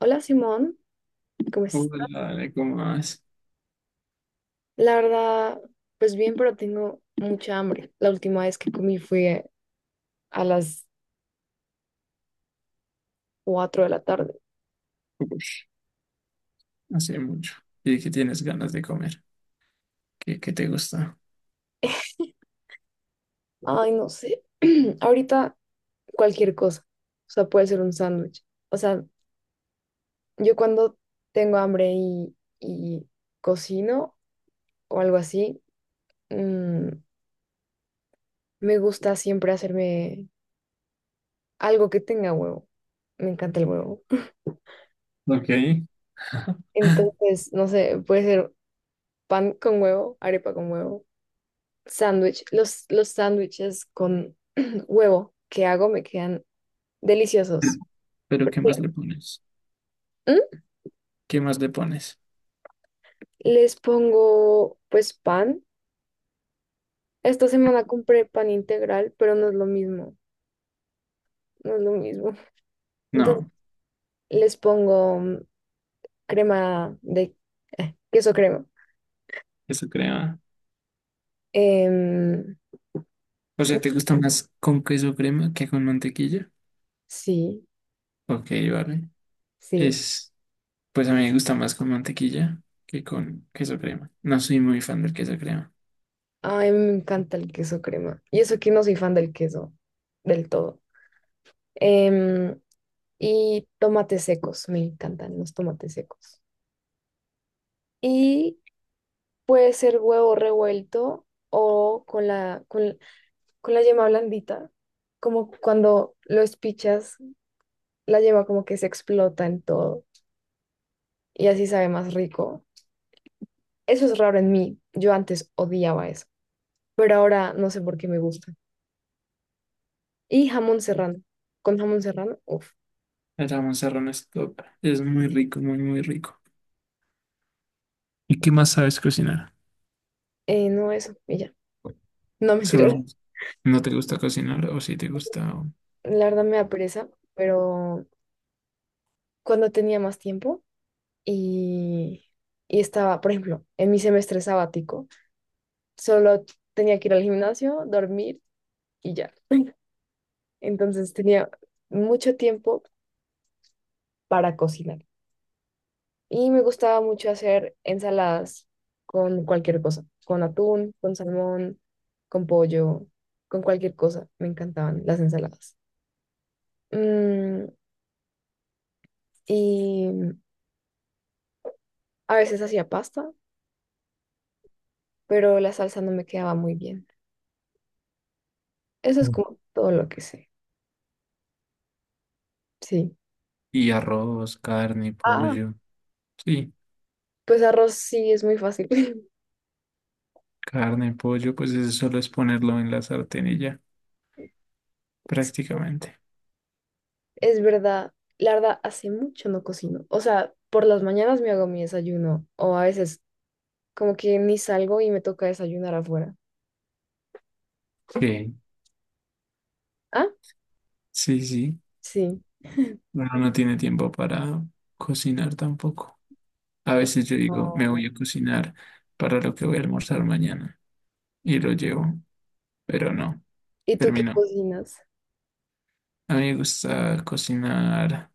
Hola Simón, ¿cómo Uy, estás? dale, comas. La verdad, pues bien, pero tengo mucha hambre. La última vez que comí fue a las 4 de la tarde. Uy, hace mucho. Y que tienes ganas de comer. ¿Qué te gusta? Ay, no sé. Ahorita cualquier cosa. O sea, puede ser un sándwich. O sea, yo cuando tengo hambre y cocino o algo así, mm, me gusta siempre hacerme algo que tenga huevo. Me encanta el huevo. Ok. Entonces, no sé, puede ser pan con huevo, arepa con huevo. Sándwich, los sándwiches con huevo que hago me quedan deliciosos. Pero ¿qué más le pones? ¿Mm? ¿Qué más le pones? Les pongo pues pan. Esta semana compré pan integral, pero no es lo mismo, no es lo mismo. Entonces No, les pongo crema de queso crema. queso crema. Em, O sea, ¿te gusta más con queso crema que con mantequilla? sí, Ok, vale. sí. Es, pues a mí me gusta más con mantequilla que con queso crema. No soy muy fan del queso crema. Ay, me encanta el queso crema. Y eso que no soy fan del queso del todo. Em, y tomates secos, me encantan los tomates secos. Y puede ser huevo revuelto o con con la yema blandita, como cuando lo espichas, la yema como que se explota en todo y así sabe más rico. Eso es raro en mí, yo antes odiaba eso, pero ahora no sé por qué me gusta. Y jamón serrano, con jamón serrano, uff, El jamón serrano es top. Es muy rico, muy, muy rico. ¿Y qué más sabes cocinar? No eso, y ya. No, mentira, Solo. ¿No te gusta cocinar o sí te gusta? O- la verdad me da pereza, pero cuando tenía más tiempo y, y estaba, por ejemplo, en mi semestre sabático, solo tenía que ir al gimnasio, dormir y ya. Entonces tenía mucho tiempo para cocinar y me gustaba mucho hacer ensaladas con cualquier cosa, con atún, con salmón, con pollo, con cualquier cosa. Me encantaban las ensaladas. Mm, y a veces hacía pasta, pero la salsa no me quedaba muy bien. Eso es mm. como todo lo que sé. Sí. Y arroz, carne, Ah, pollo. Sí, pues arroz sí es muy fácil. carne, pollo, pues eso solo es ponerlo en la sartén y ya, prácticamente. Es verdad, la verdad, hace mucho no cocino. O sea, por las mañanas me hago mi desayuno o a veces como que ni salgo y me toca desayunar afuera. Ok. Ah, Sí, sí. sí. Uno no tiene tiempo para cocinar tampoco. A veces yo digo, me Oh. voy a cocinar para lo que voy a almorzar mañana y lo llevo, pero no, ¿Y tú qué terminó. cocinas? A mí me gusta cocinar,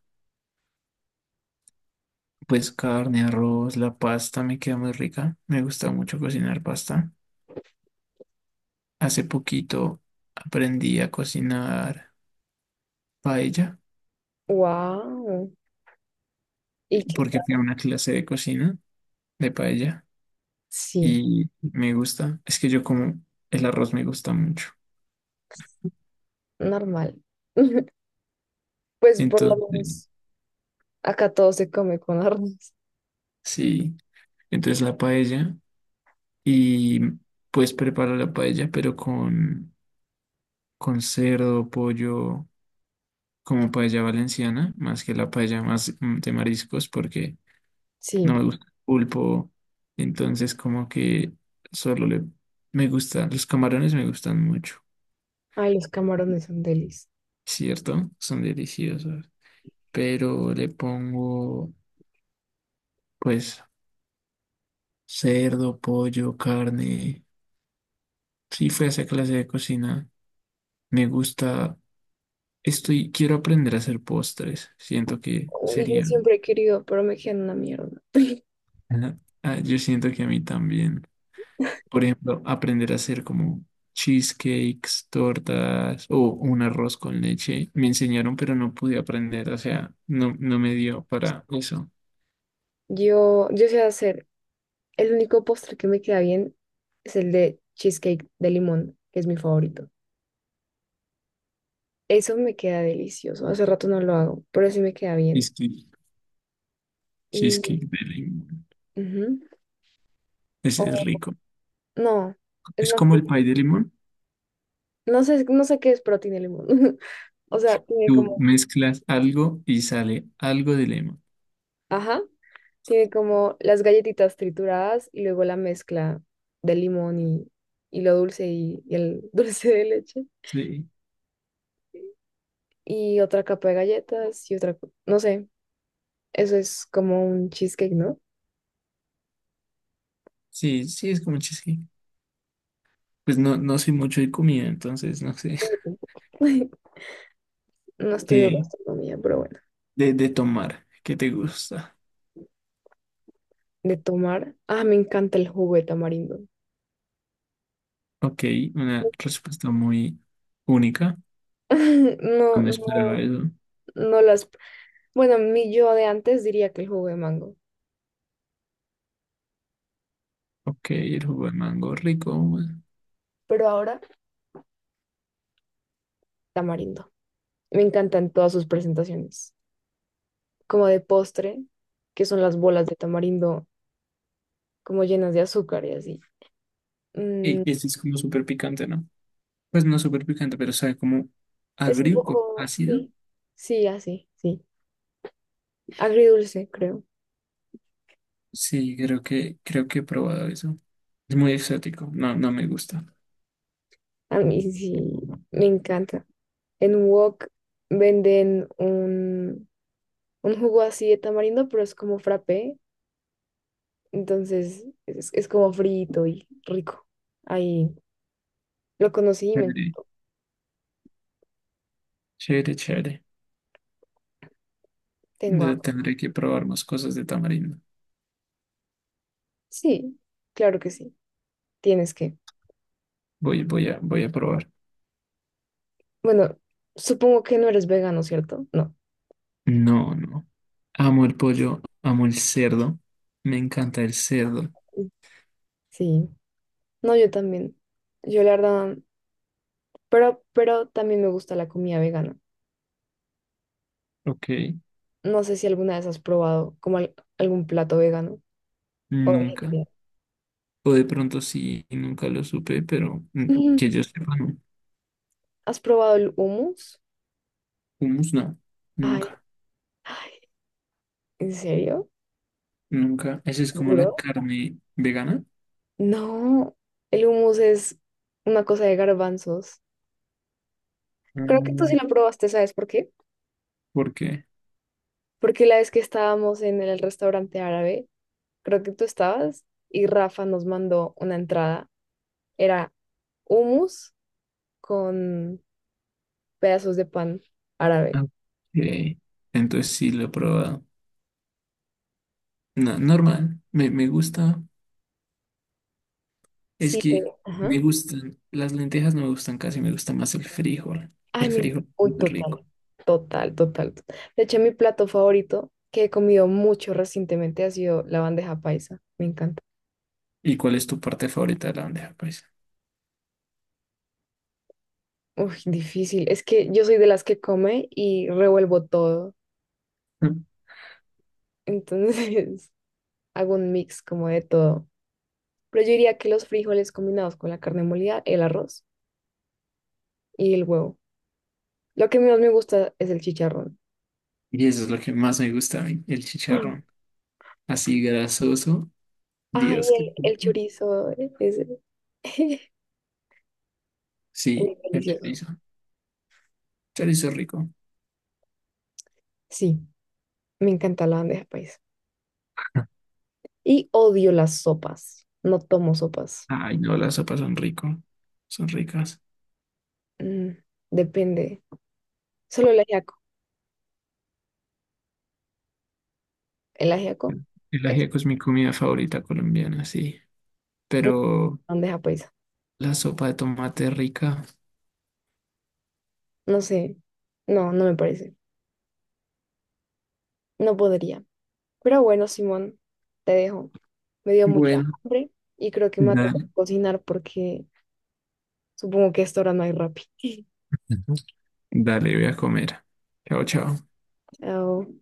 pues carne, arroz, la pasta me queda muy rica. Me gusta mucho cocinar pasta. Hace poquito aprendí a cocinar paella, Wow. ¿Y qué porque tal? fui a una clase de cocina de paella Sí, y me gusta. Es que yo como el arroz me gusta mucho. normal. Pues por lo Entonces, menos acá todo se come con arroz. sí, entonces la paella y pues preparo la paella pero con cerdo, pollo, como paella valenciana, más que la paella más de mariscos porque Sí. no me gusta el pulpo, entonces como que solo le... Me gusta los camarones me gustan mucho, Ay, los camarones son delis. ¿cierto? Son deliciosos, pero le pongo pues cerdo, pollo, carne. Sí, fue esa clase de cocina. Me gusta, estoy, quiero aprender a hacer postres, siento que Uy, yo sería... siempre he querido, pero me quedan una mierda. Ajá. Ah, yo siento que a mí también. Por ejemplo, aprender a hacer como cheesecakes, tortas o un arroz con leche. Me enseñaron, pero no pude aprender. O sea, no me dio para eso. Yo sé hacer. El único postre que me queda bien es el de cheesecake de limón, que es mi favorito. Eso me queda delicioso. Hace rato no lo hago, pero sí me queda bien. Cheesecake, cheesecake Y de limón. ujú. Es O, rico. no, es Es más, como el como pie de limón. no sé, no sé qué es, pero tiene limón. O sea, tiene Tú como, mezclas algo y sale algo de limón. ajá, tiene como las galletitas trituradas y luego la mezcla de limón y lo dulce y el dulce de leche. Sí, Y otra capa de galletas y otra, co- no sé, eso es como un cheesecake, ¿no? sí, sí, es como cheesecake. Pues no, no soy mucho de comida, entonces no sé. No estudio ¿Qué gastronomía, pero bueno. de tomar? ¿Qué te gusta? De tomar. Ah, me encanta el jugo de tamarindo. Ok, una respuesta muy única. No, No me no, esperaba eso. no las. Bueno, mi yo de antes diría que el jugo de mango, Ok, el jugo de mango rico. Bueno. pero ahora tamarindo. Me encantan todas sus presentaciones. Como de postre, que son las bolas de tamarindo, como llenas de azúcar y así. Y Mm, y este es como súper picante, ¿no? Pues no súper picante, pero sabe como es un agrio, como poco, ácido. sí, sí, así, sí. Agridulce, creo. Sí, creo que he probado eso. Es muy exótico. No, no me gusta. A mí sí, me encanta. En un Wok venden un jugo así de tamarindo, pero es como frappé, entonces es como frito y rico. Ahí lo conocí y me Chévere, chévere, chévere. tengo De- hambre. tendré que probar más cosas de tamarindo. Sí, claro que sí, tienes que. Voy a probar. Bueno, supongo que no eres vegano, ¿cierto? No. No, no. Amo el pollo, amo el cerdo. Me encanta el cerdo. Sí, no, yo también. Yo la verdad, pero también me gusta la comida vegana. Ok, No sé si alguna vez has probado como al- algún plato vegano o nunca. vegetariano. O de pronto sí, y nunca lo supe, pero Ujú. que yo sepa, no. ¿Has probado el hummus? Hummus no, Ay, nunca, ay, ¿en serio? nunca. Esa es como la ¿Seguro? carne vegana. No, el hummus es una cosa de garbanzos. Creo que tú sí Mm, lo probaste, ¿sabes por qué? ¿por qué? Porque la vez que estábamos en el restaurante árabe, creo que tú estabas y Rafa nos mandó una entrada. Era hummus con pedazos de pan árabe. Ah, ok. Entonces sí lo he probado. No, normal, me gusta. Es Sí, que ajá. me gustan, las lentejas no me gustan casi, me gusta más el frijol. Ay, El mi, frijol es uy, muy rico. total, total, total, total. De hecho, mi plato favorito que he comido mucho recientemente ha sido la bandeja paisa. Me encanta. ¿Y cuál es tu parte favorita de la bandeja paisa? Uy, difícil. Es que yo soy de las que come y revuelvo todo. Mm. Entonces hago un mix como de todo. Pero yo diría que los frijoles combinados con la carne molida, el arroz y el huevo. Lo que más me gusta es el chicharrón. Y eso es lo que más me gusta a mí, el chicharrón. Así grasoso, Ah, y Dios, qué rico. el chorizo es, es Sí, el delicioso. chorizo. Chorizo rico. Sí, me encanta la bandeja paisa. Y odio las sopas. No tomo sopas. Ay, no, las sopas son rico. Son ricas. Mm, depende. Solo el ajiaco. El ajiaco El, el es ajiaco es mi comida favorita colombiana, sí. una Pero bandeja paisa. la sopa de tomate es rica. No sé, no, no me parece. No podría. Pero bueno, Simón, te dejo. Me dio mucha Bueno, hambre y creo que me ha tocado dale, cocinar porque supongo que a esta hora no hay Rappi. dale, voy a comer. Chao, chao. Chao.